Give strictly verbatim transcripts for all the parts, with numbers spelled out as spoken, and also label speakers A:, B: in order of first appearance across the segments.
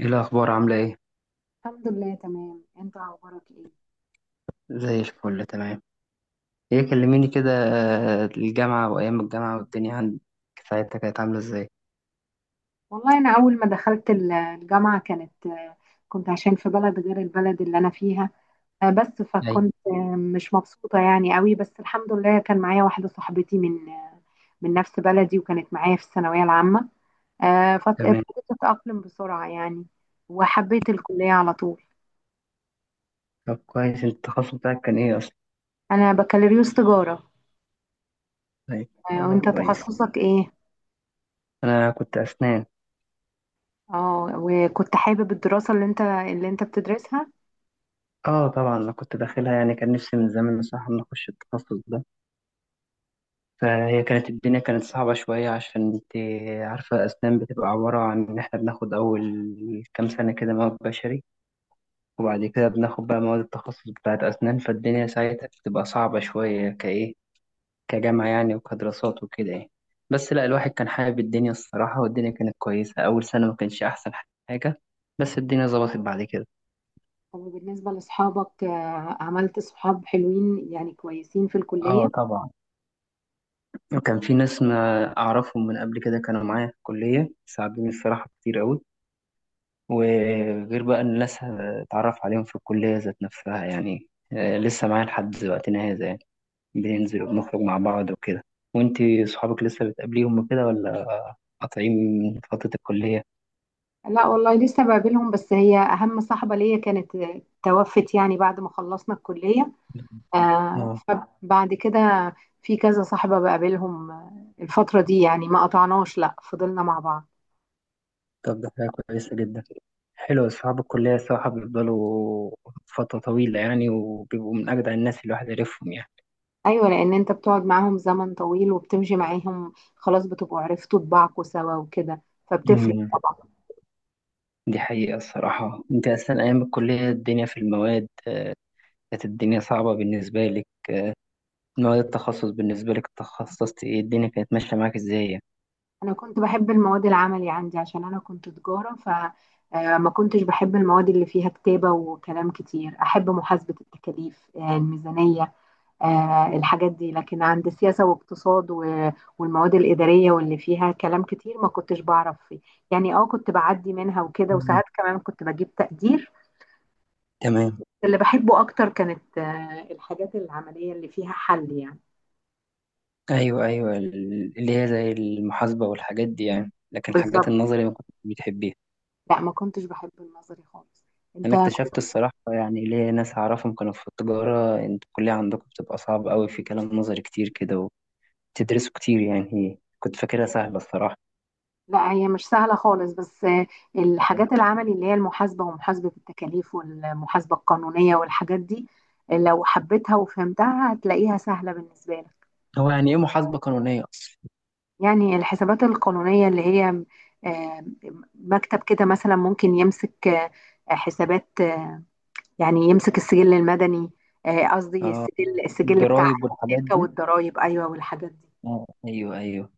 A: ايه الاخبار؟ عامله ايه؟
B: الحمد لله، تمام. انت اخبارك ايه؟
A: زي الفل، تمام. ايه، كلميني كده. آه، الجامعه وايام الجامعه والدنيا عندك ساعتها كانت عامله ازاي؟
B: والله انا اول ما دخلت ال- الجامعه كانت آه، كنت عشان في بلد غير البلد اللي انا فيها. آه، بس
A: ايوه،
B: فكنت آه، مش مبسوطه يعني قوي، بس الحمد لله كان معايا واحده صاحبتي من آه، من نفس بلدي وكانت معايا في الثانويه العامه. آه،
A: تمام.
B: فابتديت اتاقلم بسرعه يعني، وحبيت الكليه على طول.
A: طب كويس، انت التخصص بتاعك كان ايه اصلا؟
B: انا بكالوريوس تجاره.
A: طيب.
B: آه،
A: الله،
B: وانت
A: كويس.
B: تخصصك ايه؟
A: انا كنت اسنان.
B: اه، وكنت حابب الدراسه اللي انت اللي انت بتدرسها؟
A: اه طبعا، انا كنت داخلها يعني، كان نفسي من زمان بصراحه ان اخش التخصص ده. فهي كانت، الدنيا كانت صعبه شويه، عشان انت عارفه الاسنان بتبقى عباره عن ان احنا بناخد اول كام سنه كده مواد بشري، وبعد كده بناخد بقى مواد التخصص بتاعت أسنان. فالدنيا ساعتها بتبقى صعبة شوية، كإيه، كجامعة يعني، وكدراسات وكده يعني. بس لا، الواحد كان حابب الدنيا الصراحة، والدنيا كانت كويسة. أول سنة ما كانش أحسن حاجة، بس الدنيا ظبطت بعد كده.
B: طب، وبالنسبة لأصحابك، آه، عملت صحاب حلوين يعني كويسين في الكلية؟
A: اه طبعا. وكان في ناس ما أعرفهم من قبل كده كانوا معايا في الكلية، ساعدوني الصراحة كتير أوي. وغير بقى إن ناس اتعرف عليهم في الكلية ذات نفسها يعني، آه، لسه معايا لحد وقتنا هذا يعني. بننزل وبنخرج مع بعض وكده. وانتي صحابك لسه بتقابليهم وكده، ولا قاطعين فترة الكلية؟
B: لا والله لسه بقابلهم، بس هي أهم صاحبة ليا كانت آه، توفت يعني بعد ما خلصنا الكلية. آه،
A: اه.
B: فبعد كده في كذا صاحبة بقابلهم آه، الفترة دي، يعني ما قطعناش، لا فضلنا مع بعض.
A: طب ده حاجة كويسة جدا. حلو، أصحاب الكلية الصراحة بيفضلوا فترة طويلة يعني، وبيبقوا من أجدع الناس اللي الواحد يعرفهم يعني.
B: أيوة، لأن أنت بتقعد معاهم زمن طويل وبتمشي معاهم، خلاص بتبقوا عرفتوا طباعكوا سوا وكده، فبتفرق.
A: أمم. دي حقيقة الصراحة. أنت أصلا أيام الكلية الدنيا في المواد كانت الدنيا صعبة بالنسبة لك؟ مواد التخصص بالنسبة لك تخصصت إيه؟ الدنيا كانت ماشية معاك إزاي يعني؟
B: انا كنت بحب المواد العملي عندي عشان انا كنت تجارة، فما كنتش بحب المواد اللي فيها كتابة وكلام كتير. احب محاسبة التكاليف، آه، الميزانية، آه، الحاجات دي. لكن عند سياسة واقتصاد و- والمواد الإدارية واللي فيها كلام كتير، ما كنتش بعرف فيه يعني. اه، كنت بعدي منها وكده،
A: أمم.
B: وساعات كمان كنت بجيب تقدير.
A: تمام.
B: اللي بحبه اكتر كانت آه، الحاجات العملية اللي فيها حل يعني.
A: ايوه ايوه، ال- اللي هي زي المحاسبه والحاجات دي يعني، لكن الحاجات
B: بالظبط.
A: النظري ما كنتش بتحبيها.
B: لا، ما كنتش بحب النظري خالص. انت؟
A: انا اكتشفت الصراحه، يعني ليه ناس اعرفهم كانوا في التجاره، انتوا الكليه عندكم بتبقى صعبه قوي، في كلام نظري كتير كده وتدرسوا كتير، يعني كنت فاكرها سهله الصراحه.
B: لا، هي مش سهلة خالص، بس الحاجات العملي اللي هي المحاسبة ومحاسبة التكاليف والمحاسبة القانونية والحاجات دي، لو حبيتها وفهمتها هتلاقيها سهلة بالنسبة لك.
A: هو يعني ايه محاسبه قانونيه اصلا؟
B: يعني الحسابات القانونية اللي هي آه، مكتب كده مثلا ممكن يمسك آه، حسابات، آه، يعني يمسك السجل المدني، آه، قصدي السجل السجل بتاع
A: الضرايب والحاجات
B: الشركة
A: دي؟
B: والضرائب، أيوة والحاجات دي.
A: آه، ايوه ايوه.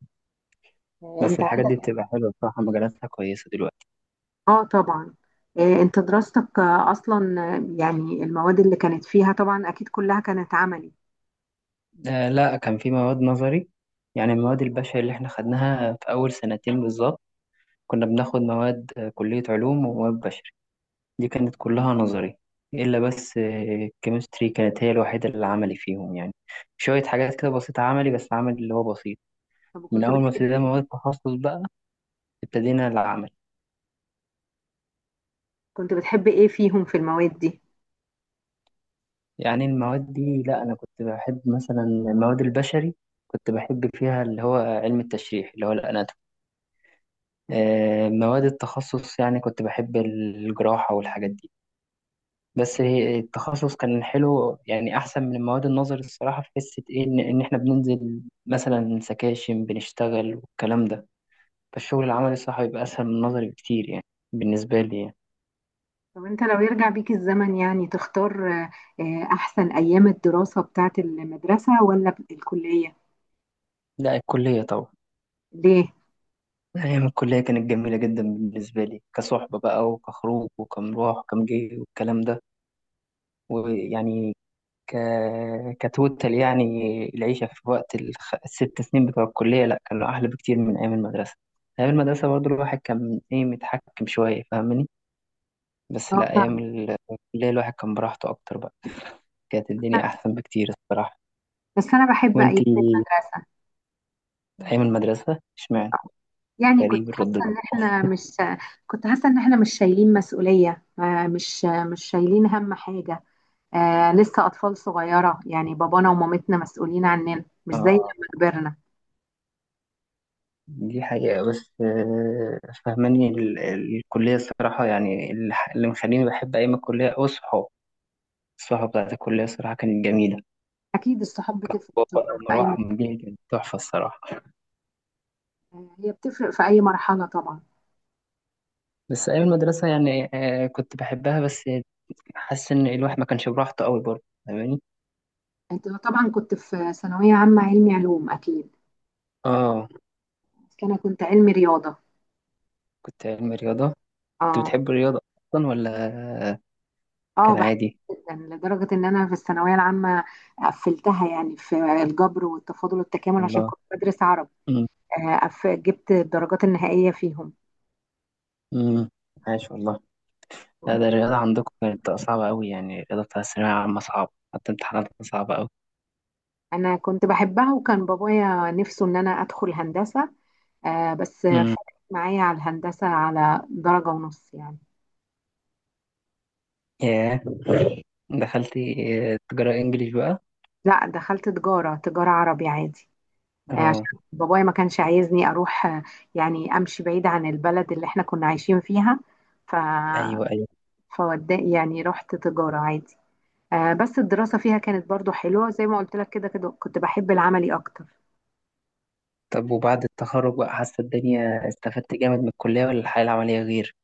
B: آه، انت؟
A: بس الحاجات دي بتبقى حلوه بصراحه، مجالاتها كويسه دلوقتي.
B: اه طبعا. آه، انت دراستك آه، اصلا، آه، يعني المواد اللي كانت فيها طبعا اكيد كلها كانت عملي؟
A: آه لا، كان في مواد نظري. يعني المواد البشري اللي احنا خدناها في اول سنتين بالظبط، كنا بناخد مواد آه، كلية علوم ومواد بشري. دي كانت كلها نظري، إلا بس الكيمستري كانت هي الوحيدة اللي عملي فيهم يعني. شوية حاجات كده بسيطة عملي، بس عمل اللي هو بسيط.
B: طب
A: من
B: كنت
A: أول ما
B: بتحب
A: ابتدينا مواد تخصص بقى، ابتدينا العمل.
B: كنت بتحب ايه فيهم في المواد دي؟
A: يعني المواد دي لأ، أنا كنت بحب مثلا المواد البشري، كنت بحب فيها اللي هو علم التشريح اللي هو الأناتومي. آه، مواد التخصص يعني كنت بحب الجراحة والحاجات دي. بس هي- التخصص كان حلو يعني، احسن من المواد النظري الصراحه، في حته ايه، ان إن احنا بننزل مثلا سكاشن بنشتغل والكلام ده. فالشغل العملي الصراحه بيبقى اسهل من النظري بكتير يعني، بالنسبه لي يعني.
B: طب انت لو يرجع بيك الزمن يعني تختار، آه، آه، احسن ايام الدراسة بتاعت المدرسة ولا الكلية؟
A: لا الكليه طبعا.
B: ليه؟
A: ايام الكليه كانت جميله جدا بالنسبه لي، كصحبه بقى وكخروج وكمروح وكمجي والكلام ده، ويعني، ك... كتوتال يعني. العيشة في وقت الخ... الست سنين بتوع الكلية، لا كانوا أحلى بكتير من أيام المدرسة. أيام المدرسة برضو الواحد كان إيه، متحكم شوية، فاهمني؟ بس
B: اه
A: لا، أيام
B: طبعا.
A: الكلية الواحد كان براحته أكتر بقى. كانت الدنيا أحسن بكتير الصراحة.
B: بس انا بحب ايام
A: وإنتي
B: المدرسة.
A: أيام المدرسة اشمعنى؟
B: يعني كنت
A: غريب الرد
B: حاسة
A: ده.
B: ان احنا مش كنت حاسة ان احنا مش شايلين مسؤولية، آه، مش مش شايلين هم حاجة. آه لسه أطفال صغيرة يعني، بابانا ومامتنا مسؤولين عننا، مش زي لما
A: آه،
B: كبرنا.
A: دي حقيقة. بس آه، فاهماني، ال- ال- الكلية الصراحة يعني اللي اللي مخليني بحب أيام الكلية هو الصحاب. الصحاب بتاعت الكلية الصراحة كانت جميلة.
B: أكيد الصحاب بتفرق
A: هو بقى
B: طبعا في أي
A: مروح
B: مرحلة.
A: ومجيه كانت تحفة الصراحة.
B: هي بتفرق في أي مرحلة طبعا.
A: بس أيام المدرسة يعني، آه كنت بحبها، بس حاسس إن الواحد ما كانش براحته قوي برضه، فاهماني؟
B: أنت طبعا كنت في ثانوية عامة علمي علوم أكيد.
A: آه.
B: بس أنا كنت علمي رياضة.
A: كنت علم رياضة. كنت
B: أه.
A: بتحب الرياضة أصلا ولا
B: أه،
A: كان
B: بحب.
A: عادي؟
B: جدا، لدرجة إن أنا في الثانوية العامة قفلتها يعني في الجبر والتفاضل والتكامل عشان
A: والله.
B: كنت بدرس عربي.
A: أمم،
B: آه قف- جبت الدرجات النهائية فيهم.
A: أمم، عاش والله. لا، ده الرياضة عندكم كانت صعبة قوي يعني، الرياضة بتاع الثانوية العامة صعبة، حتى امتحاناتها صعبة قوي.
B: أنا كنت بحبها، وكان بابايا نفسه إن أنا أدخل هندسة. آه بس
A: أمم،
B: فرقت معايا على الهندسة على درجة ونص يعني.
A: ياه. دخلتي آه، تجارة إنجليش بقى؟
B: لا، دخلت تجارة تجارة عربي عادي. آه عشان
A: آه.
B: بابايا ما كانش عايزني أروح، آه يعني أمشي بعيد عن البلد اللي احنا كنا عايشين فيها. ف
A: أيوه أيوه.
B: فود يعني، رحت تجارة عادي. آه بس الدراسة فيها كانت برضو حلوة، زي ما قلت لك كده كده كنت بحب العملي أكتر.
A: طب وبعد التخرج بقى، حاسة الدنيا استفدت جامد من الكلية ولا الحياة العملية غير؟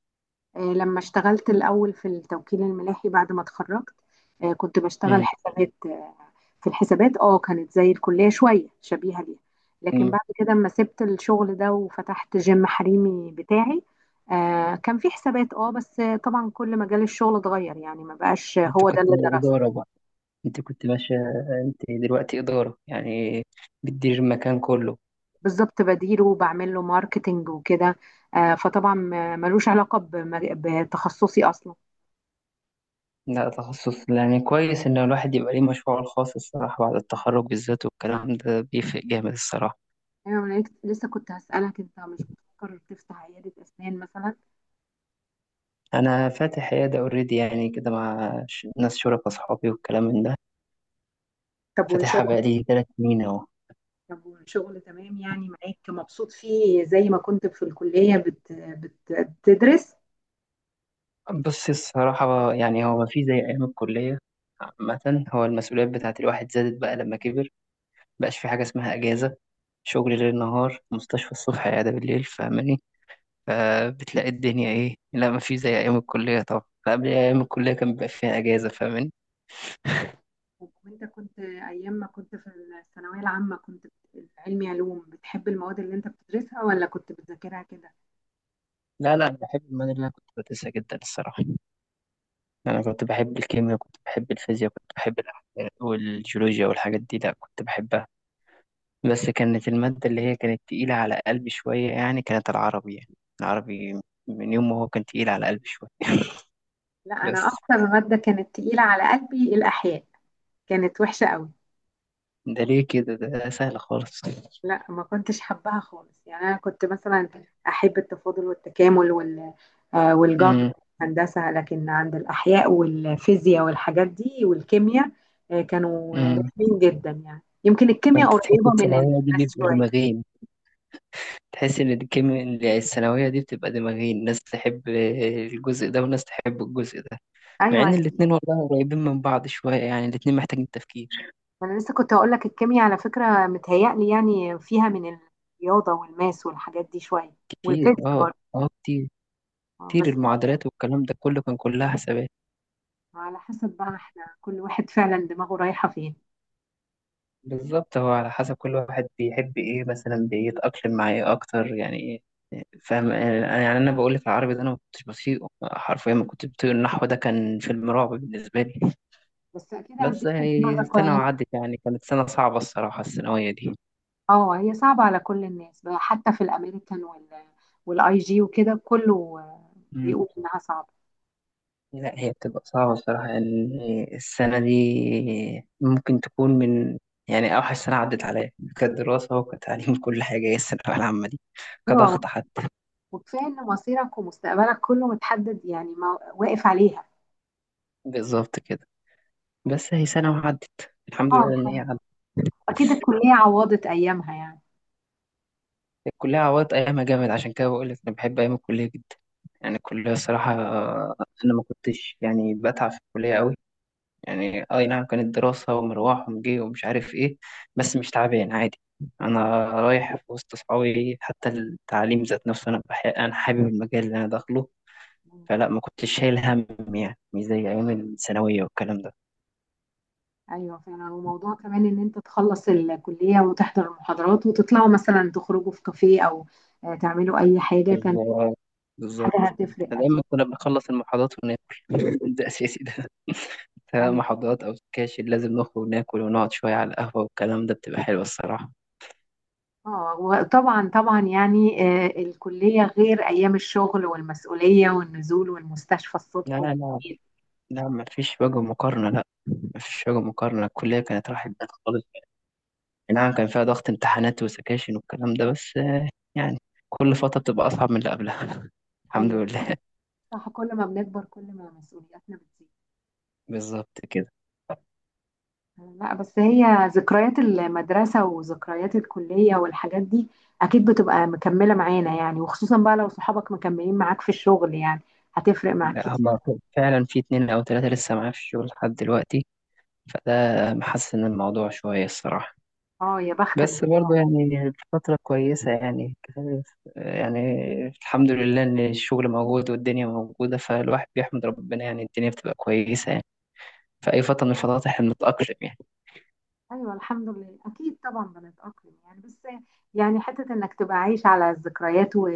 B: آه لما اشتغلت الأول في التوكيل الملاحي بعد ما اتخرجت، آه كنت بشتغل
A: مم.
B: حسابات. في الحسابات اه كانت زي الكلية شوية، شبيهة ليها. لكن
A: مم.
B: بعد كده اما سبت الشغل ده وفتحت جيم حريمي بتاعي، آه كان في حسابات، اه بس طبعا كل مجال الشغل اتغير يعني، ما بقاش
A: انت
B: هو ده
A: كنت
B: اللي درسه.
A: إدارة بقى؟ انت كنت ماشية، انت دلوقتي إدارة يعني، بتدير المكان كله.
B: بالظبط، بديره وبعمل له ماركتينج وكده. آه فطبعا ما- ملوش علاقة بمج- بتخصصي اصلا.
A: لا تخصص، يعني كويس ان الواحد يبقى ليه مشروعه الخاص الصراحة بعد التخرج بالذات، والكلام ده بيفرق جامد الصراحة.
B: انا لسه كنت هسألك، انت مش بتفكر تفتح عيادة اسنان مثلا؟
A: انا فاتح عيادة اوريدي يعني كده، مع ش- ناس شركاء اصحابي والكلام من ده.
B: طب
A: فاتحها
B: والشغل
A: بقالي ثلاث سنين اهو.
B: طب والشغل تمام يعني، معاك مبسوط فيه زي ما كنت في الكلية بت... بت... بتدرس؟
A: بص الصراحة يعني، هو ما في زي أيام الكلية. عامة، هو المسؤوليات بتاعت الواحد زادت بقى لما كبر. مبقاش في حاجة اسمها أجازة. شغل ليل نهار، مستشفى الصبح، عيادة بالليل، فاهماني؟ فبتلاقي الدنيا إيه، لا ما في زي أيام الكلية طبعا. فقبل أيام الكلية كان بيبقى فيها أجازة، فاهماني؟
B: طب وانت كنت ايام ما كنت في الثانوية العامة كنت في علمي علوم، بتحب المواد اللي انت بتدرسها ولا كنت بتذاكرها كده؟
A: لا لا، بحب المادة اللي أنا كنت بدرسها جدا الصراحة. أنا كنت بحب الكيمياء، كنت بحب الفيزياء، كنت بحب الأحياء والجيولوجيا والحاجات دي، لا كنت بحبها. بس كانت المادة اللي هي كانت تقيلة على قلبي شوية يعني، كانت العربي. يعني العربي من يوم ما هو كان تقيل على قلبي شوية.
B: لا، انا
A: بس
B: اكتر مادة كانت تقيلة على قلبي الاحياء. كانت وحشة قوي.
A: ده ليه كده؟ ده سهل خالص.
B: لا، ما كنتش حباها خالص، يعني انا كنت مثلا احب التفاضل والتكامل وال آه، والجبر
A: امم،
B: والهندسه. لكن عند الاحياء والفيزياء والحاجات دي والكيمياء، آه، كانوا
A: امم.
B: رخمين جدا يعني. يمكن الكيمياء
A: كنت تحس
B: قريبه من
A: الثانوية دي
B: الناس
A: بيبقوا
B: شويه.
A: دماغين. تحس إن الكيمياء الثانوية دي بتبقى دماغين، ناس تحب الجزء ده وناس تحب الجزء ده. مع
B: ايوه،
A: إن
B: عشان
A: الاتنين والله قريبين من بعض شوية يعني، الاتنين محتاجين تفكير.
B: انا لسه كنت اقول لك الكيمياء على فكره متهيألي يعني فيها من الرياضه والماس والحاجات دي شويه،
A: كتير،
B: والفيزياء
A: اه.
B: برضه.
A: اه، كتير.
B: آه،
A: كتير،
B: بس
A: المعادلات والكلام ده كله كان كلها حسابات.
B: على حسب بقى، احنا كل واحد فعلا دماغه رايحه فين.
A: بالظبط، هو على حسب كل واحد بيحب ايه، مثلا بيتأقلم مع ايه اكتر، يعني ايه فاهم انا؟ يعني انا بقول لك، العربي ده انا ما كنتش بطيقه حرفيا، ما كنت بطيق النحو، ده كان فيلم رعب بالنسبه لي.
B: بس اكيد
A: بس
B: عديتوا
A: هي
B: بمرة
A: سنه
B: كويسه.
A: وعدت، يعني كانت سنه صعبه الصراحه الثانويه دي.
B: اه، هي صعبة على كل الناس بقى، حتى في الامريكان وال والاي جي وكده كله، آه،
A: مم.
B: بيقول انها صعبة.
A: لا هي بتبقى صعبه الصراحه يعني، السنه دي ممكن تكون من، يعني اوحش سنه عدت عليا كدراسه وكتعليم، كل حاجه هي الثانويه العامه دي،
B: اه،
A: كضغط حتى.
B: وكفاية ان مصيرك ومستقبلك كله متحدد يعني، ما واقف عليها.
A: بالظبط كده. بس هي سنة وعدت، الحمد
B: اه،
A: لله إن هي
B: الحمد.
A: عدت.
B: اكيد الكلية عوضت ايامها يعني.
A: الكلية عوضت أيامها جامد، عشان كده بقول لك أنا بحب أيام الكلية جدا. يعني الكلية الصراحة، آه، أنا ما كنتش يعني بتعب في الكلية أوي. يعني آه، أي نعم، كانت دراسة ومروح ومجي ومش عارف إيه، بس مش تعبان عادي. أنا رايح في وسط صحابي، حتى التعليم ذات نفسه، أنا بح... أنا حابب المجال اللي أنا داخله.
B: مم.
A: فلا ما كنتش شايل هم، يعني مش زي أيام الثانوية والكلام ده.
B: ايوه فعلا. وموضوع كمان ان انت تخلص الكلية وتحضر المحاضرات وتطلعوا مثلا تخرجوا في كافيه او آه، تعملوا اي حاجة كان،
A: بالظبط. بالظبط.
B: حاجة هتفرق
A: إحنا
B: اكيد.
A: دايما كنا بنخلص المحاضرات وناكل، ده أساسي ده. سواء
B: أيوة.
A: محاضرات أو سكاشن، لازم نخرج ناكل ونقعد شوية على القهوة، والكلام ده بتبقى حلوة الصراحة.
B: اه، وطبعا طبعا يعني آه، الكلية غير أيام الشغل والمسؤولية والنزول والمستشفى
A: لا
B: الصبح
A: لا لا.
B: وبالليل.
A: لا مفيش وجه مقارنة. لا، مفيش وجه مقارنة. الكلية كانت راحت بال خالص. نعم كان فيها ضغط امتحانات وسكاشن والكلام ده، بس آه، يعني كل فترة بتبقى أصعب من اللي قبلها. الحمد
B: أيوه،
A: لله.
B: صح، كل ما بنكبر كل ما مسؤولياتنا بتزيد.
A: بالظبط كده.
B: لا، بس هي ذكريات المدرسة وذكريات الكلية والحاجات دي أكيد بتبقى مكملة معانا يعني، وخصوصا بقى لو صحابك مكملين معاك في الشغل يعني هتفرق معاك
A: لا
B: كتير.
A: هما فعلا في اتنين أو تلاتة لسه معايا في الشغل لحد دلوقتي، فده محسن الموضوع شوية الصراحة.
B: اه يا بختك
A: بس
B: بقى.
A: برضه يعني الفترة كويسة يعني يعني الحمد لله إن الشغل موجود والدنيا موجودة، فالواحد بيحمد ربنا يعني. الدنيا بتبقى كويسة يعني في أي فترة من الفترات، إحنا بنتأقلم يعني.
B: ايوه الحمد لله اكيد طبعا بنتاقلم يعني، بس يعني حته انك تبقى عايش على الذكريات و...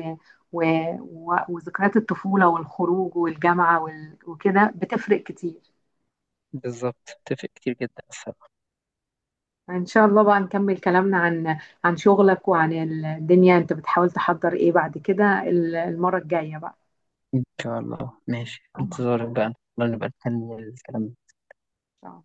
B: و... و... وذكريات الطفوله والخروج والجامعه وال... وكده بتفرق كتير.
A: بالظبط، اتفق كتير جدا الصراحة.
B: ان شاء الله بقى نكمل كلامنا عن عن شغلك وعن الدنيا، انت بتحاول تحضر ايه بعد كده ال- المره الجايه بقى؟
A: إن شاء الله، ماشي،
B: تمام. إن
A: انتظارك بقى. الله، نبقى نكمل الكلام.
B: شاء الله.